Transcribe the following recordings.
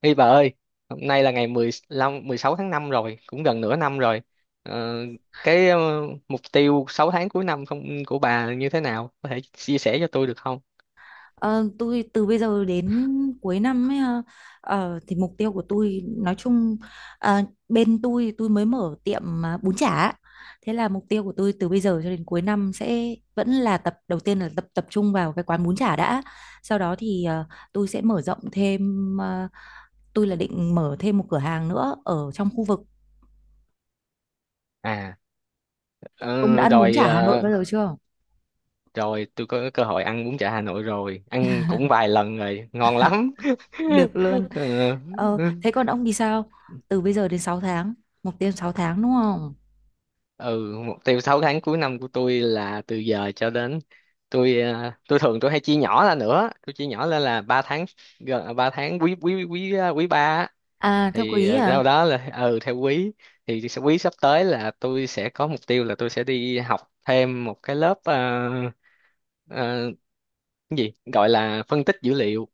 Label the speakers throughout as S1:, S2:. S1: Ê bà ơi, hôm nay là ngày 15, 16 tháng 5 rồi, cũng gần nửa năm rồi. Ờ, cái ờ, mục tiêu 6 tháng cuối năm không của bà như thế nào? Có thể chia sẻ cho tôi được không?
S2: Ờ, tôi từ bây giờ đến cuối năm ấy, ha, thì mục tiêu của tôi nói chung, ờ, bên tôi mới mở tiệm, bún chả. Thế là mục tiêu của tôi từ bây giờ cho đến cuối năm sẽ vẫn là đầu tiên là tập tập trung vào cái quán bún chả đã. Sau đó thì, tôi sẽ mở rộng thêm, tôi là định mở thêm một cửa hàng nữa ở trong khu vực.
S1: À,
S2: Ông đã
S1: ờ,
S2: ăn bún
S1: rồi
S2: chả Hà Nội
S1: ờ,
S2: bao giờ chưa?
S1: Rồi tôi có cơ hội ăn bún chả Hà Nội rồi, ăn cũng vài lần rồi, ngon lắm.
S2: Được luôn.
S1: Ờ,
S2: Ờ, thế còn ông thì sao, từ bây giờ đến 6 tháng, mục tiêu 6 tháng đúng không?
S1: ừ, mục tiêu 6 tháng cuối năm của tôi là từ giờ cho đến, tôi tôi thường tôi hay chia nhỏ ra, nữa tôi chia nhỏ lên là 3 tháng, gần 3 tháng quý quý ba á.
S2: À theo
S1: Thì
S2: quý à.
S1: sau đó là ừ theo quý, quý sắp tới là tôi sẽ có mục tiêu là tôi sẽ đi học thêm một cái lớp, uh, cái gì gọi là phân tích dữ liệu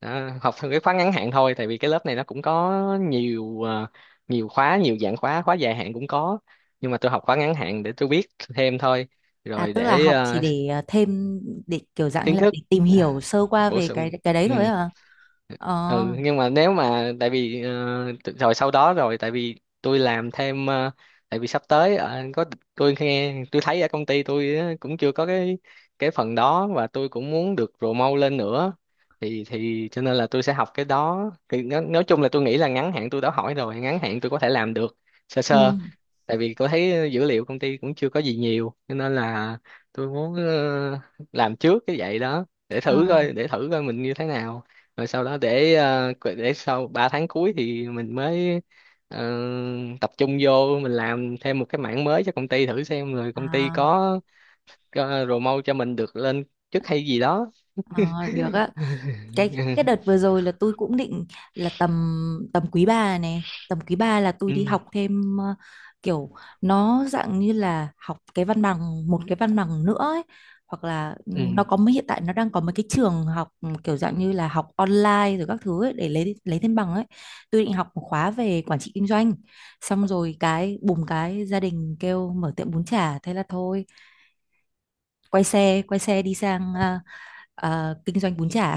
S1: đó, học theo cái khóa ngắn hạn thôi, tại vì cái lớp này nó cũng có nhiều nhiều khóa, nhiều dạng khóa, khóa dài hạn cũng có, nhưng mà tôi học khóa ngắn hạn để tôi biết thêm thôi,
S2: À
S1: rồi
S2: tức là
S1: để
S2: học chỉ để, thêm, để kiểu dạng
S1: kiến
S2: như là
S1: thức
S2: để tìm
S1: ờ,
S2: hiểu sơ qua
S1: bổ
S2: về cái
S1: sung.
S2: cái đấy
S1: Ừ.
S2: thôi hả? Ờ.
S1: Ừ nhưng mà nếu mà tại vì rồi sau đó, rồi tại vì tôi làm thêm, tại vì sắp tới có, tôi nghe tôi thấy ở công ty tôi á, cũng chưa có cái phần đó, và tôi cũng muốn được promote lên nữa, thì cho nên là tôi sẽ học cái đó thì nó, nói chung là tôi nghĩ là ngắn hạn, tôi đã hỏi rồi, ngắn hạn tôi có thể làm được sơ sơ.
S2: Ừ.
S1: Tại vì tôi thấy dữ liệu công ty cũng chưa có gì nhiều, cho nên là tôi muốn làm trước cái vậy đó để thử
S2: Ờ.
S1: coi, để thử coi mình như thế nào, rồi sau đó để để sau 3 tháng cuối thì mình mới ờ, tập trung vô mình làm thêm một cái mảng mới cho công ty thử xem, rồi công ty
S2: À,
S1: có promote cho mình được lên chức hay gì đó.
S2: à, được á. Cái đợt vừa rồi là tôi cũng định là tầm, quý ba này, tầm quý ba là tôi đi
S1: Ừ,
S2: học thêm, kiểu nó dạng như là học cái văn bằng, một cái văn bằng nữa ấy. Hoặc là, nó
S1: ừ.
S2: có mấy, hiện tại nó đang có mấy cái trường học, kiểu dạng như là học online rồi các thứ ấy, để lấy thêm bằng ấy. Tôi định học một khóa về quản trị kinh doanh, xong rồi cái bùm, cái gia đình kêu mở tiệm bún chả, thế là thôi, quay xe đi sang, kinh doanh bún chả.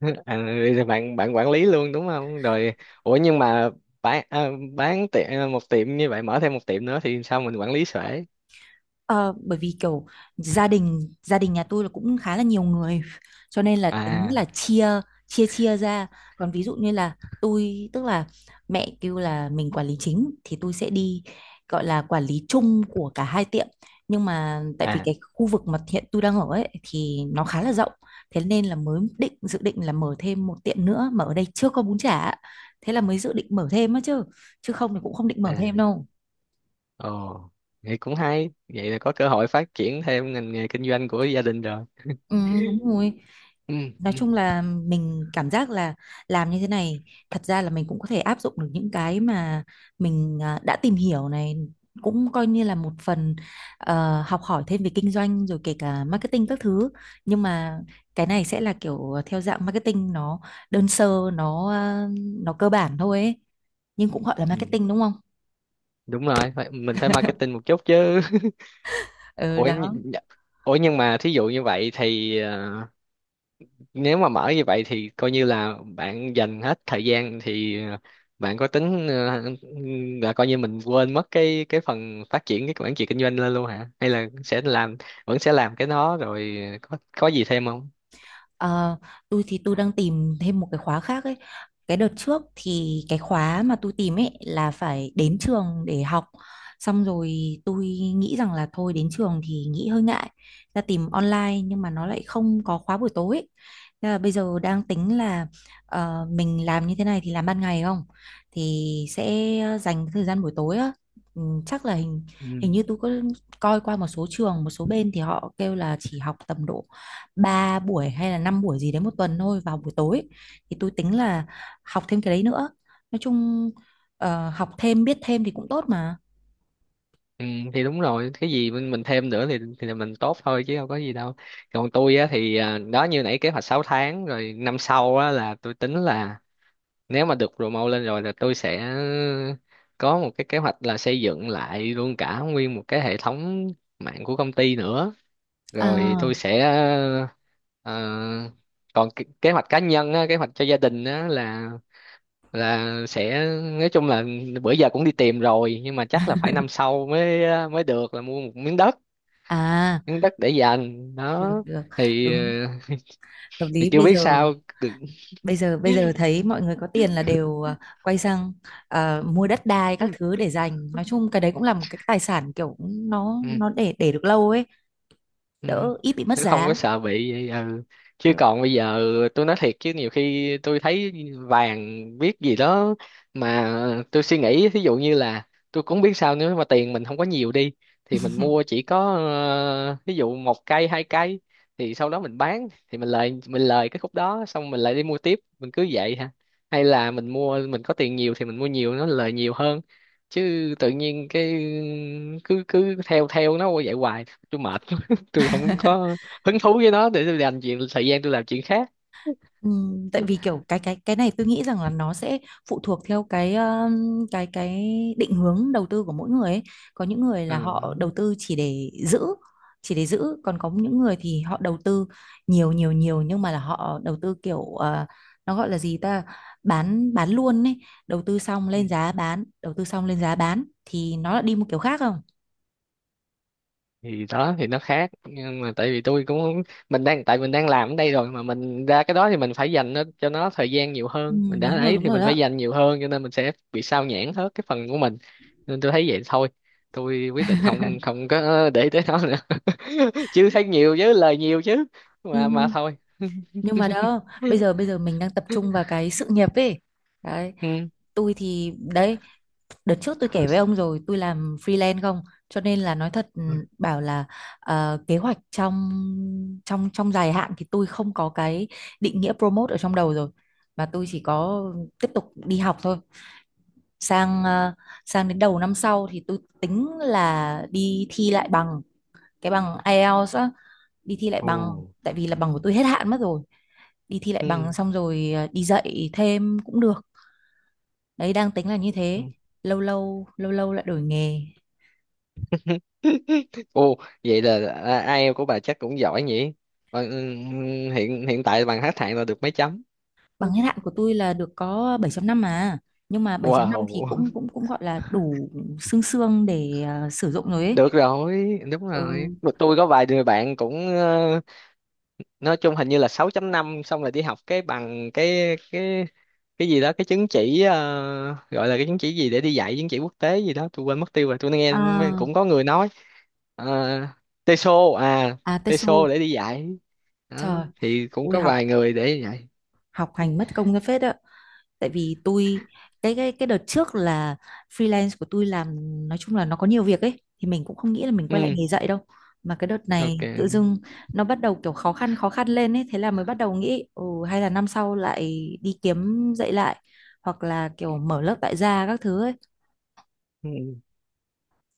S1: À, bạn bạn quản lý luôn đúng không rồi, ủa nhưng mà bán à, bán tiệm ờ, một tiệm như vậy mở thêm một tiệm nữa thì sao mình quản lý xuể?
S2: Ờ, bởi vì kiểu gia đình nhà tôi là cũng khá là nhiều người, cho nên là tính là
S1: À.
S2: chia, chia ra. Còn ví dụ như là tôi tức là mẹ kêu là mình quản lý chính thì tôi sẽ đi gọi là quản lý chung của cả hai tiệm. Nhưng mà tại vì
S1: À.
S2: cái khu vực mà hiện tôi đang ở ấy thì nó khá là rộng, thế nên là mới dự định là mở thêm một tiệm nữa mà ở đây chưa có bún chả, thế là mới dự định mở thêm á chứ, không thì cũng không định mở thêm
S1: À.
S2: đâu.
S1: Ồ, vậy cũng hay, vậy là có cơ hội phát triển thêm ngành nghề kinh doanh của gia đình rồi.
S2: Ừ, đúng rồi.
S1: Ừ.
S2: Nói
S1: Ừ.
S2: chung là mình cảm giác là làm như thế này thật ra là mình cũng có thể áp dụng được những cái mà mình đã tìm hiểu này, cũng coi như là một phần, học hỏi thêm về kinh doanh rồi kể cả marketing các thứ. Nhưng mà cái này sẽ là kiểu, theo dạng marketing, nó đơn sơ, nó cơ bản thôi ấy. Nhưng cũng gọi là
S1: Ừ.
S2: marketing đúng không?
S1: Đúng rồi, phải, mình phải marketing một chút chứ.
S2: Ừ
S1: ủa, nh-
S2: đó.
S1: nh- Ủa nhưng mà thí dụ như vậy thì nếu mà mở như vậy thì coi như là bạn dành hết thời gian thì bạn có tính là coi như mình quên mất cái phần phát triển cái quản trị kinh doanh lên luôn hả, hay là sẽ làm, vẫn sẽ làm cái đó rồi có gì thêm không?
S2: Ờ, tôi thì tôi đang tìm thêm một cái khóa khác ấy. Cái đợt trước thì cái khóa mà tôi tìm ấy là phải đến trường để học. Xong rồi tôi nghĩ rằng là thôi đến trường thì nghĩ hơi ngại. Ra tìm online nhưng mà nó lại không có khóa buổi tối ấy. Thế là bây giờ đang tính là, mình làm như thế này thì làm ban ngày không? Thì sẽ dành thời gian buổi tối á. Ừ, chắc là hình
S1: Ừ.
S2: hình như tôi có coi qua một số trường, một số bên thì họ kêu là chỉ học tầm độ 3 buổi hay là 5 buổi gì đấy một tuần thôi vào buổi tối, thì tôi tính là học thêm cái đấy nữa. Nói chung, học thêm biết thêm thì cũng tốt mà.
S1: Ừ thì đúng rồi, cái gì mình thêm nữa thì là mình tốt thôi chứ đâu có gì đâu. Còn tôi á thì à, đó như nãy kế hoạch 6 tháng rồi, năm sau á là tôi tính là nếu mà được promote lên rồi là tôi sẽ có một cái kế hoạch là xây dựng lại luôn cả nguyên một cái hệ thống mạng của công ty nữa, rồi tôi
S2: À,
S1: sẽ ờ, còn kế kế hoạch cá nhân á, kế hoạch cho gia đình á là sẽ, nói chung là bữa giờ cũng đi tìm rồi nhưng mà chắc là phải năm sau mới, mới được là mua một miếng đất,
S2: à,
S1: miếng đất để dành
S2: được
S1: đó.
S2: được,
S1: Thì,
S2: đúng, hợp
S1: thì
S2: lý.
S1: chưa
S2: Bây
S1: biết
S2: giờ,
S1: sao được.
S2: bây giờ thấy mọi người có tiền là đều, quay sang, mua đất đai các thứ để dành. Nói chung cái đấy cũng là một cái tài sản, kiểu nó
S1: Ừ.
S2: nó để được lâu ấy,
S1: Ừ.
S2: đỡ ít bị mất
S1: Nó không có
S2: giá.
S1: sợ bị vậy, ừ. Chứ
S2: Ừ.
S1: còn bây giờ tôi nói thiệt chứ nhiều khi tôi thấy vàng biết gì đó, mà tôi suy nghĩ ví dụ như là tôi cũng biết sao, nếu mà tiền mình không có nhiều đi thì mình mua chỉ có ví dụ một cây hai cây, thì sau đó mình bán thì mình lời, cái khúc đó xong mình lại đi mua tiếp, mình cứ vậy hả, hay là mình mua, mình có tiền nhiều thì mình mua nhiều nó lời nhiều hơn, chứ tự nhiên cái cứ cứ theo theo nó vậy hoài, tôi mệt, tôi không có hứng thú với nó, để tôi dành chuyện thời gian tôi làm chuyện khác.
S2: Ừ, tại vì kiểu cái này tôi nghĩ rằng là nó sẽ phụ thuộc theo cái định hướng đầu tư của mỗi người ấy. Có những người
S1: Ờ,
S2: là họ đầu tư chỉ để giữ, chỉ để giữ. Còn có những người thì họ đầu tư nhiều nhiều nhiều, nhưng mà là họ đầu tư kiểu, nó gọi là gì ta, bán luôn ấy, đầu tư xong
S1: ừ.
S2: lên giá bán, đầu tư xong lên giá bán, thì nó lại đi một kiểu khác không.
S1: Thì đó thì nó khác, nhưng mà tại vì tôi cũng không- mình đang, tại mình đang làm ở đây rồi mà mình ra cái đó thì mình phải dành nó cho nó thời gian nhiều
S2: Ừ,
S1: hơn mình đã
S2: đúng rồi,
S1: ấy,
S2: đúng
S1: thì
S2: rồi
S1: mình
S2: đó.
S1: phải dành nhiều hơn cho nên mình sẽ bị sao nhãng hết cái phần của mình, nên tôi thấy vậy thôi, tôi quyết định không, không có để tới nó nữa. Chứ thấy nhiều chứ, lời nhiều chứ,
S2: Ừ,
S1: mà thôi.
S2: nhưng mà đó, bây giờ bây giờ mình đang tập trung vào cái sự nghiệp ấy đấy.
S1: Ừ.
S2: Tôi thì đấy, đợt trước tôi kể với ông rồi, tôi làm freelance không, cho nên là nói thật, bảo là, kế hoạch trong, trong dài hạn thì tôi không có cái định nghĩa promote ở trong đầu rồi, mà tôi chỉ có tiếp tục đi học thôi. Sang, sang đến đầu năm sau thì tôi tính là đi thi lại bằng, cái bằng IELTS á, đi thi lại
S1: Ồ.
S2: bằng, tại vì là bằng của tôi hết hạn mất rồi. Đi thi lại bằng
S1: Ừ.
S2: xong rồi, đi dạy thêm cũng được. Đấy, đang tính là như
S1: Ừ.
S2: thế. Lâu lâu lâu lâu lại đổi nghề.
S1: Ồ, vậy là à, IELTS của bà chắc cũng giỏi nhỉ? Ờ, ừm, Hiện hiện tại bằng hát hạng là được mấy chấm?
S2: Bằng hết hạn của tôi là được có 7 năm mà, nhưng mà 7 năm thì cũng,
S1: Wow,
S2: cũng gọi là đủ xương xương để, sử dụng rồi ấy.
S1: được rồi, đúng
S2: Ừ.
S1: rồi. Mà tôi có vài người bạn cũng nói chung hình như là sáu chấm năm, xong rồi đi học cái bằng cái cái gì đó, cái chứng chỉ gọi là cái chứng chỉ gì để đi dạy, chứng chỉ quốc tế gì đó tôi quên mất tiêu rồi, tôi nghe
S2: À,
S1: cũng có người nói uh, TESOL à,
S2: à
S1: TESOL
S2: TESOL.
S1: để đi dạy đó,
S2: Trời,
S1: thì cũng
S2: ui,
S1: có
S2: học
S1: vài người để dạy.
S2: học hành mất công ra phết ạ. Tại vì tôi, cái đợt trước là freelance của tôi làm, nói chung là nó có nhiều việc ấy, thì mình cũng không nghĩ là mình quay lại
S1: Ừ.
S2: nghề dạy đâu. Mà cái đợt
S1: Ok.
S2: này tự dưng nó bắt đầu kiểu khó khăn, khó khăn lên ấy, thế là mới bắt đầu nghĩ, hay là năm sau lại đi kiếm dạy lại, hoặc là kiểu mở lớp tại gia các thứ ấy,
S1: Ừ,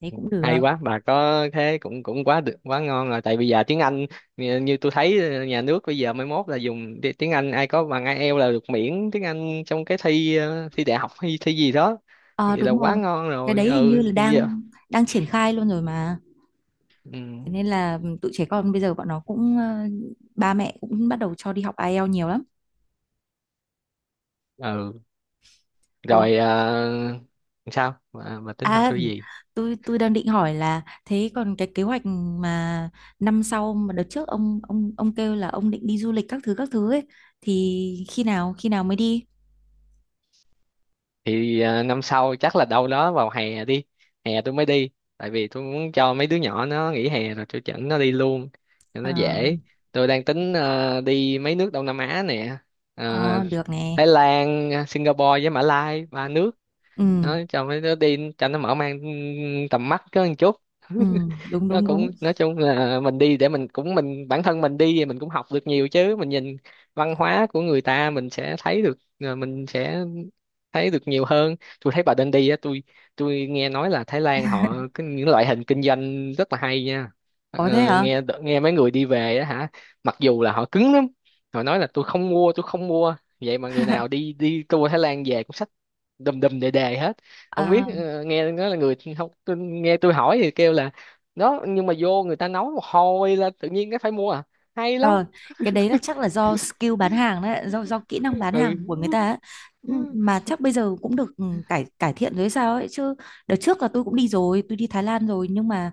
S2: đấy cũng được.
S1: hay quá, bà có thế cũng, cũng quá được, quá ngon rồi, tại bây giờ tiếng Anh, như, như tôi thấy nhà nước bây giờ mai mốt là dùng tiếng Anh ai có bằng IELTS là được miễn tiếng Anh trong cái thi, thi đại học hay thi gì đó,
S2: Ờ
S1: vậy là
S2: đúng
S1: quá
S2: rồi.
S1: ngon
S2: Cái
S1: rồi.
S2: đấy hình
S1: Ừ
S2: như là
S1: thì giờ.
S2: đang đang triển khai luôn rồi mà. Thế
S1: Ừ,
S2: nên là tụi trẻ con bây giờ bọn nó cũng, ba mẹ cũng bắt đầu cho đi học IELTS nhiều lắm.
S1: ừ.
S2: Ủa,
S1: Rồi sao bà tính hỏi
S2: à,
S1: tôi gì?
S2: tôi đang định hỏi là thế còn cái kế hoạch mà năm sau, mà đợt trước ông, ông kêu là ông định đi du lịch các thứ ấy, thì khi nào, khi nào mới đi?
S1: Thì à, năm sau chắc là đâu đó vào hè đi, hè tôi mới đi, tại vì tôi muốn cho mấy đứa nhỏ nó nghỉ hè rồi tôi dẫn nó đi luôn cho
S2: Ờ,
S1: nó dễ. Tôi đang tính đi mấy nước Đông Nam Á nè. Ờ,
S2: ờ, ừ, được nè.
S1: Thái Lan, Singapore với Mã Lai, ba nước,
S2: Ừ,
S1: nó cho mấy đứa đi cho nó mở mang tầm mắt có một chút.
S2: ừ, đúng
S1: Nó
S2: đúng
S1: cũng,
S2: đúng.
S1: nói chung là mình đi để mình cũng, mình bản thân mình đi thì mình cũng học được nhiều chứ, mình nhìn văn hóa của người ta mình sẽ thấy được mình sẽ thấy được nhiều hơn. Tôi thấy bà Đen đi á, tôi nghe nói là Thái Lan họ cái những loại hình kinh doanh rất là hay nha,
S2: Có thế hả?
S1: nghe, nghe mấy người đi về á hả, mặc dù là họ cứng lắm, họ nói là tôi không mua, tôi không mua, vậy mà người nào đi, đi tour Thái Lan về cũng xách đùm đùm đề đề hết. Không biết
S2: Ờ.
S1: nghe nói là người không, tôi, nghe tôi hỏi thì kêu là đó, nhưng mà vô người ta nấu một hồi là tự nhiên cái phải mua à, hay lắm.
S2: Rồi, cái đấy là chắc là do skill bán hàng đấy, do kỹ năng bán hàng của người
S1: Ừ.
S2: ta ấy. Ừ, mà chắc bây giờ cũng được, cải cải thiện rồi hay sao ấy chứ. Đợt trước là tôi cũng đi rồi, tôi đi Thái Lan rồi, nhưng mà,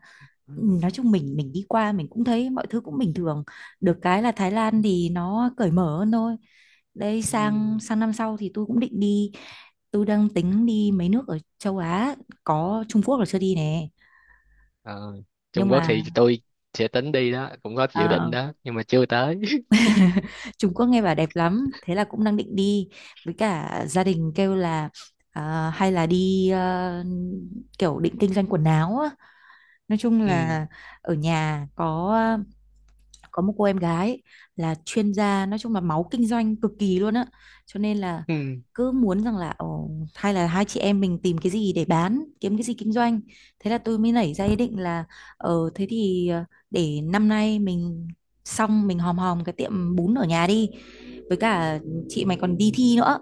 S2: nói chung mình đi qua mình cũng thấy mọi thứ cũng bình thường. Được cái là Thái Lan thì nó cởi mở hơn thôi. Đây, sang
S1: Ừ.
S2: sang năm sau thì tôi cũng định đi, tôi đang tính đi mấy nước ở châu Á, có Trung Quốc là chưa đi nè.
S1: Ờ,
S2: Nhưng
S1: Trung Quốc
S2: mà,
S1: thì tôi sẽ tính đi đó, cũng có dự định
S2: ờ,
S1: đó nhưng mà chưa tới.
S2: Trung Quốc nghe bảo đẹp lắm, thế là cũng đang định đi. Với cả gia đình kêu là, hay là đi, kiểu định kinh doanh quần áo á. Nói chung
S1: Ừ.
S2: là ở nhà có, một cô em gái là chuyên gia, nói chung là máu kinh doanh cực kỳ luôn á, cho nên là
S1: Ừ.
S2: cứ muốn rằng là, ồ, hay là hai chị em mình tìm cái gì để bán, kiếm cái gì kinh doanh. Thế là tôi mới nảy ra ý định là, ờ thế thì ờ, để năm nay mình, xong mình hòm hòm cái tiệm bún ở nhà đi, với cả chị mày còn đi thi nữa,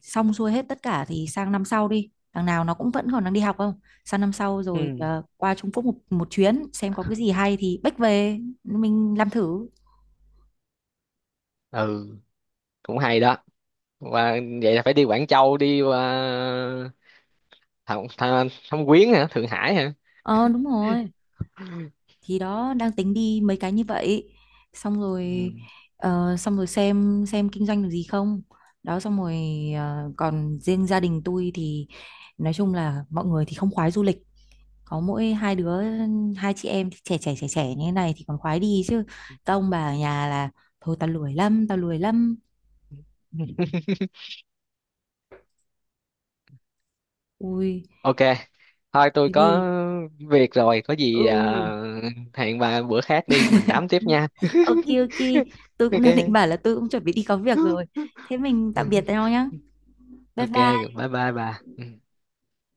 S2: xong xuôi hết tất cả thì sang năm sau đi, thằng nào nó cũng vẫn còn đang đi học không. Sang năm sau rồi,
S1: Ừ.
S2: qua Trung Quốc một chuyến xem có cái gì hay thì bách về mình làm thử.
S1: Ừ cũng hay đó. Và vậy là phải đi Quảng Châu, đi qua Thâm Quyến hả, Thượng Hải hả?
S2: Ờ đúng rồi, thì đó đang tính đi mấy cái như vậy, xong
S1: Ừ.
S2: rồi, xong rồi xem kinh doanh được gì không, đó xong rồi, còn riêng gia đình tôi thì nói chung là mọi người thì không khoái du lịch, có mỗi hai đứa, hai chị em thì trẻ trẻ trẻ trẻ như thế này thì còn khoái đi chứ, các ông bà ở nhà là thôi, tao lười lắm, tao lười lắm. Ui,
S1: Ok, thôi tôi
S2: cái
S1: có
S2: gì,
S1: việc rồi, có gì
S2: ừ.
S1: à, hẹn bà bữa khác đi, mình tám tiếp nha.
S2: Ok ok, tôi cũng
S1: Ok.
S2: đang định bảo là tôi cũng chuẩn bị đi có việc rồi. Thế mình tạm biệt nhau nhá. Bye
S1: Ok,
S2: bye.
S1: bye bye bà. Ừ.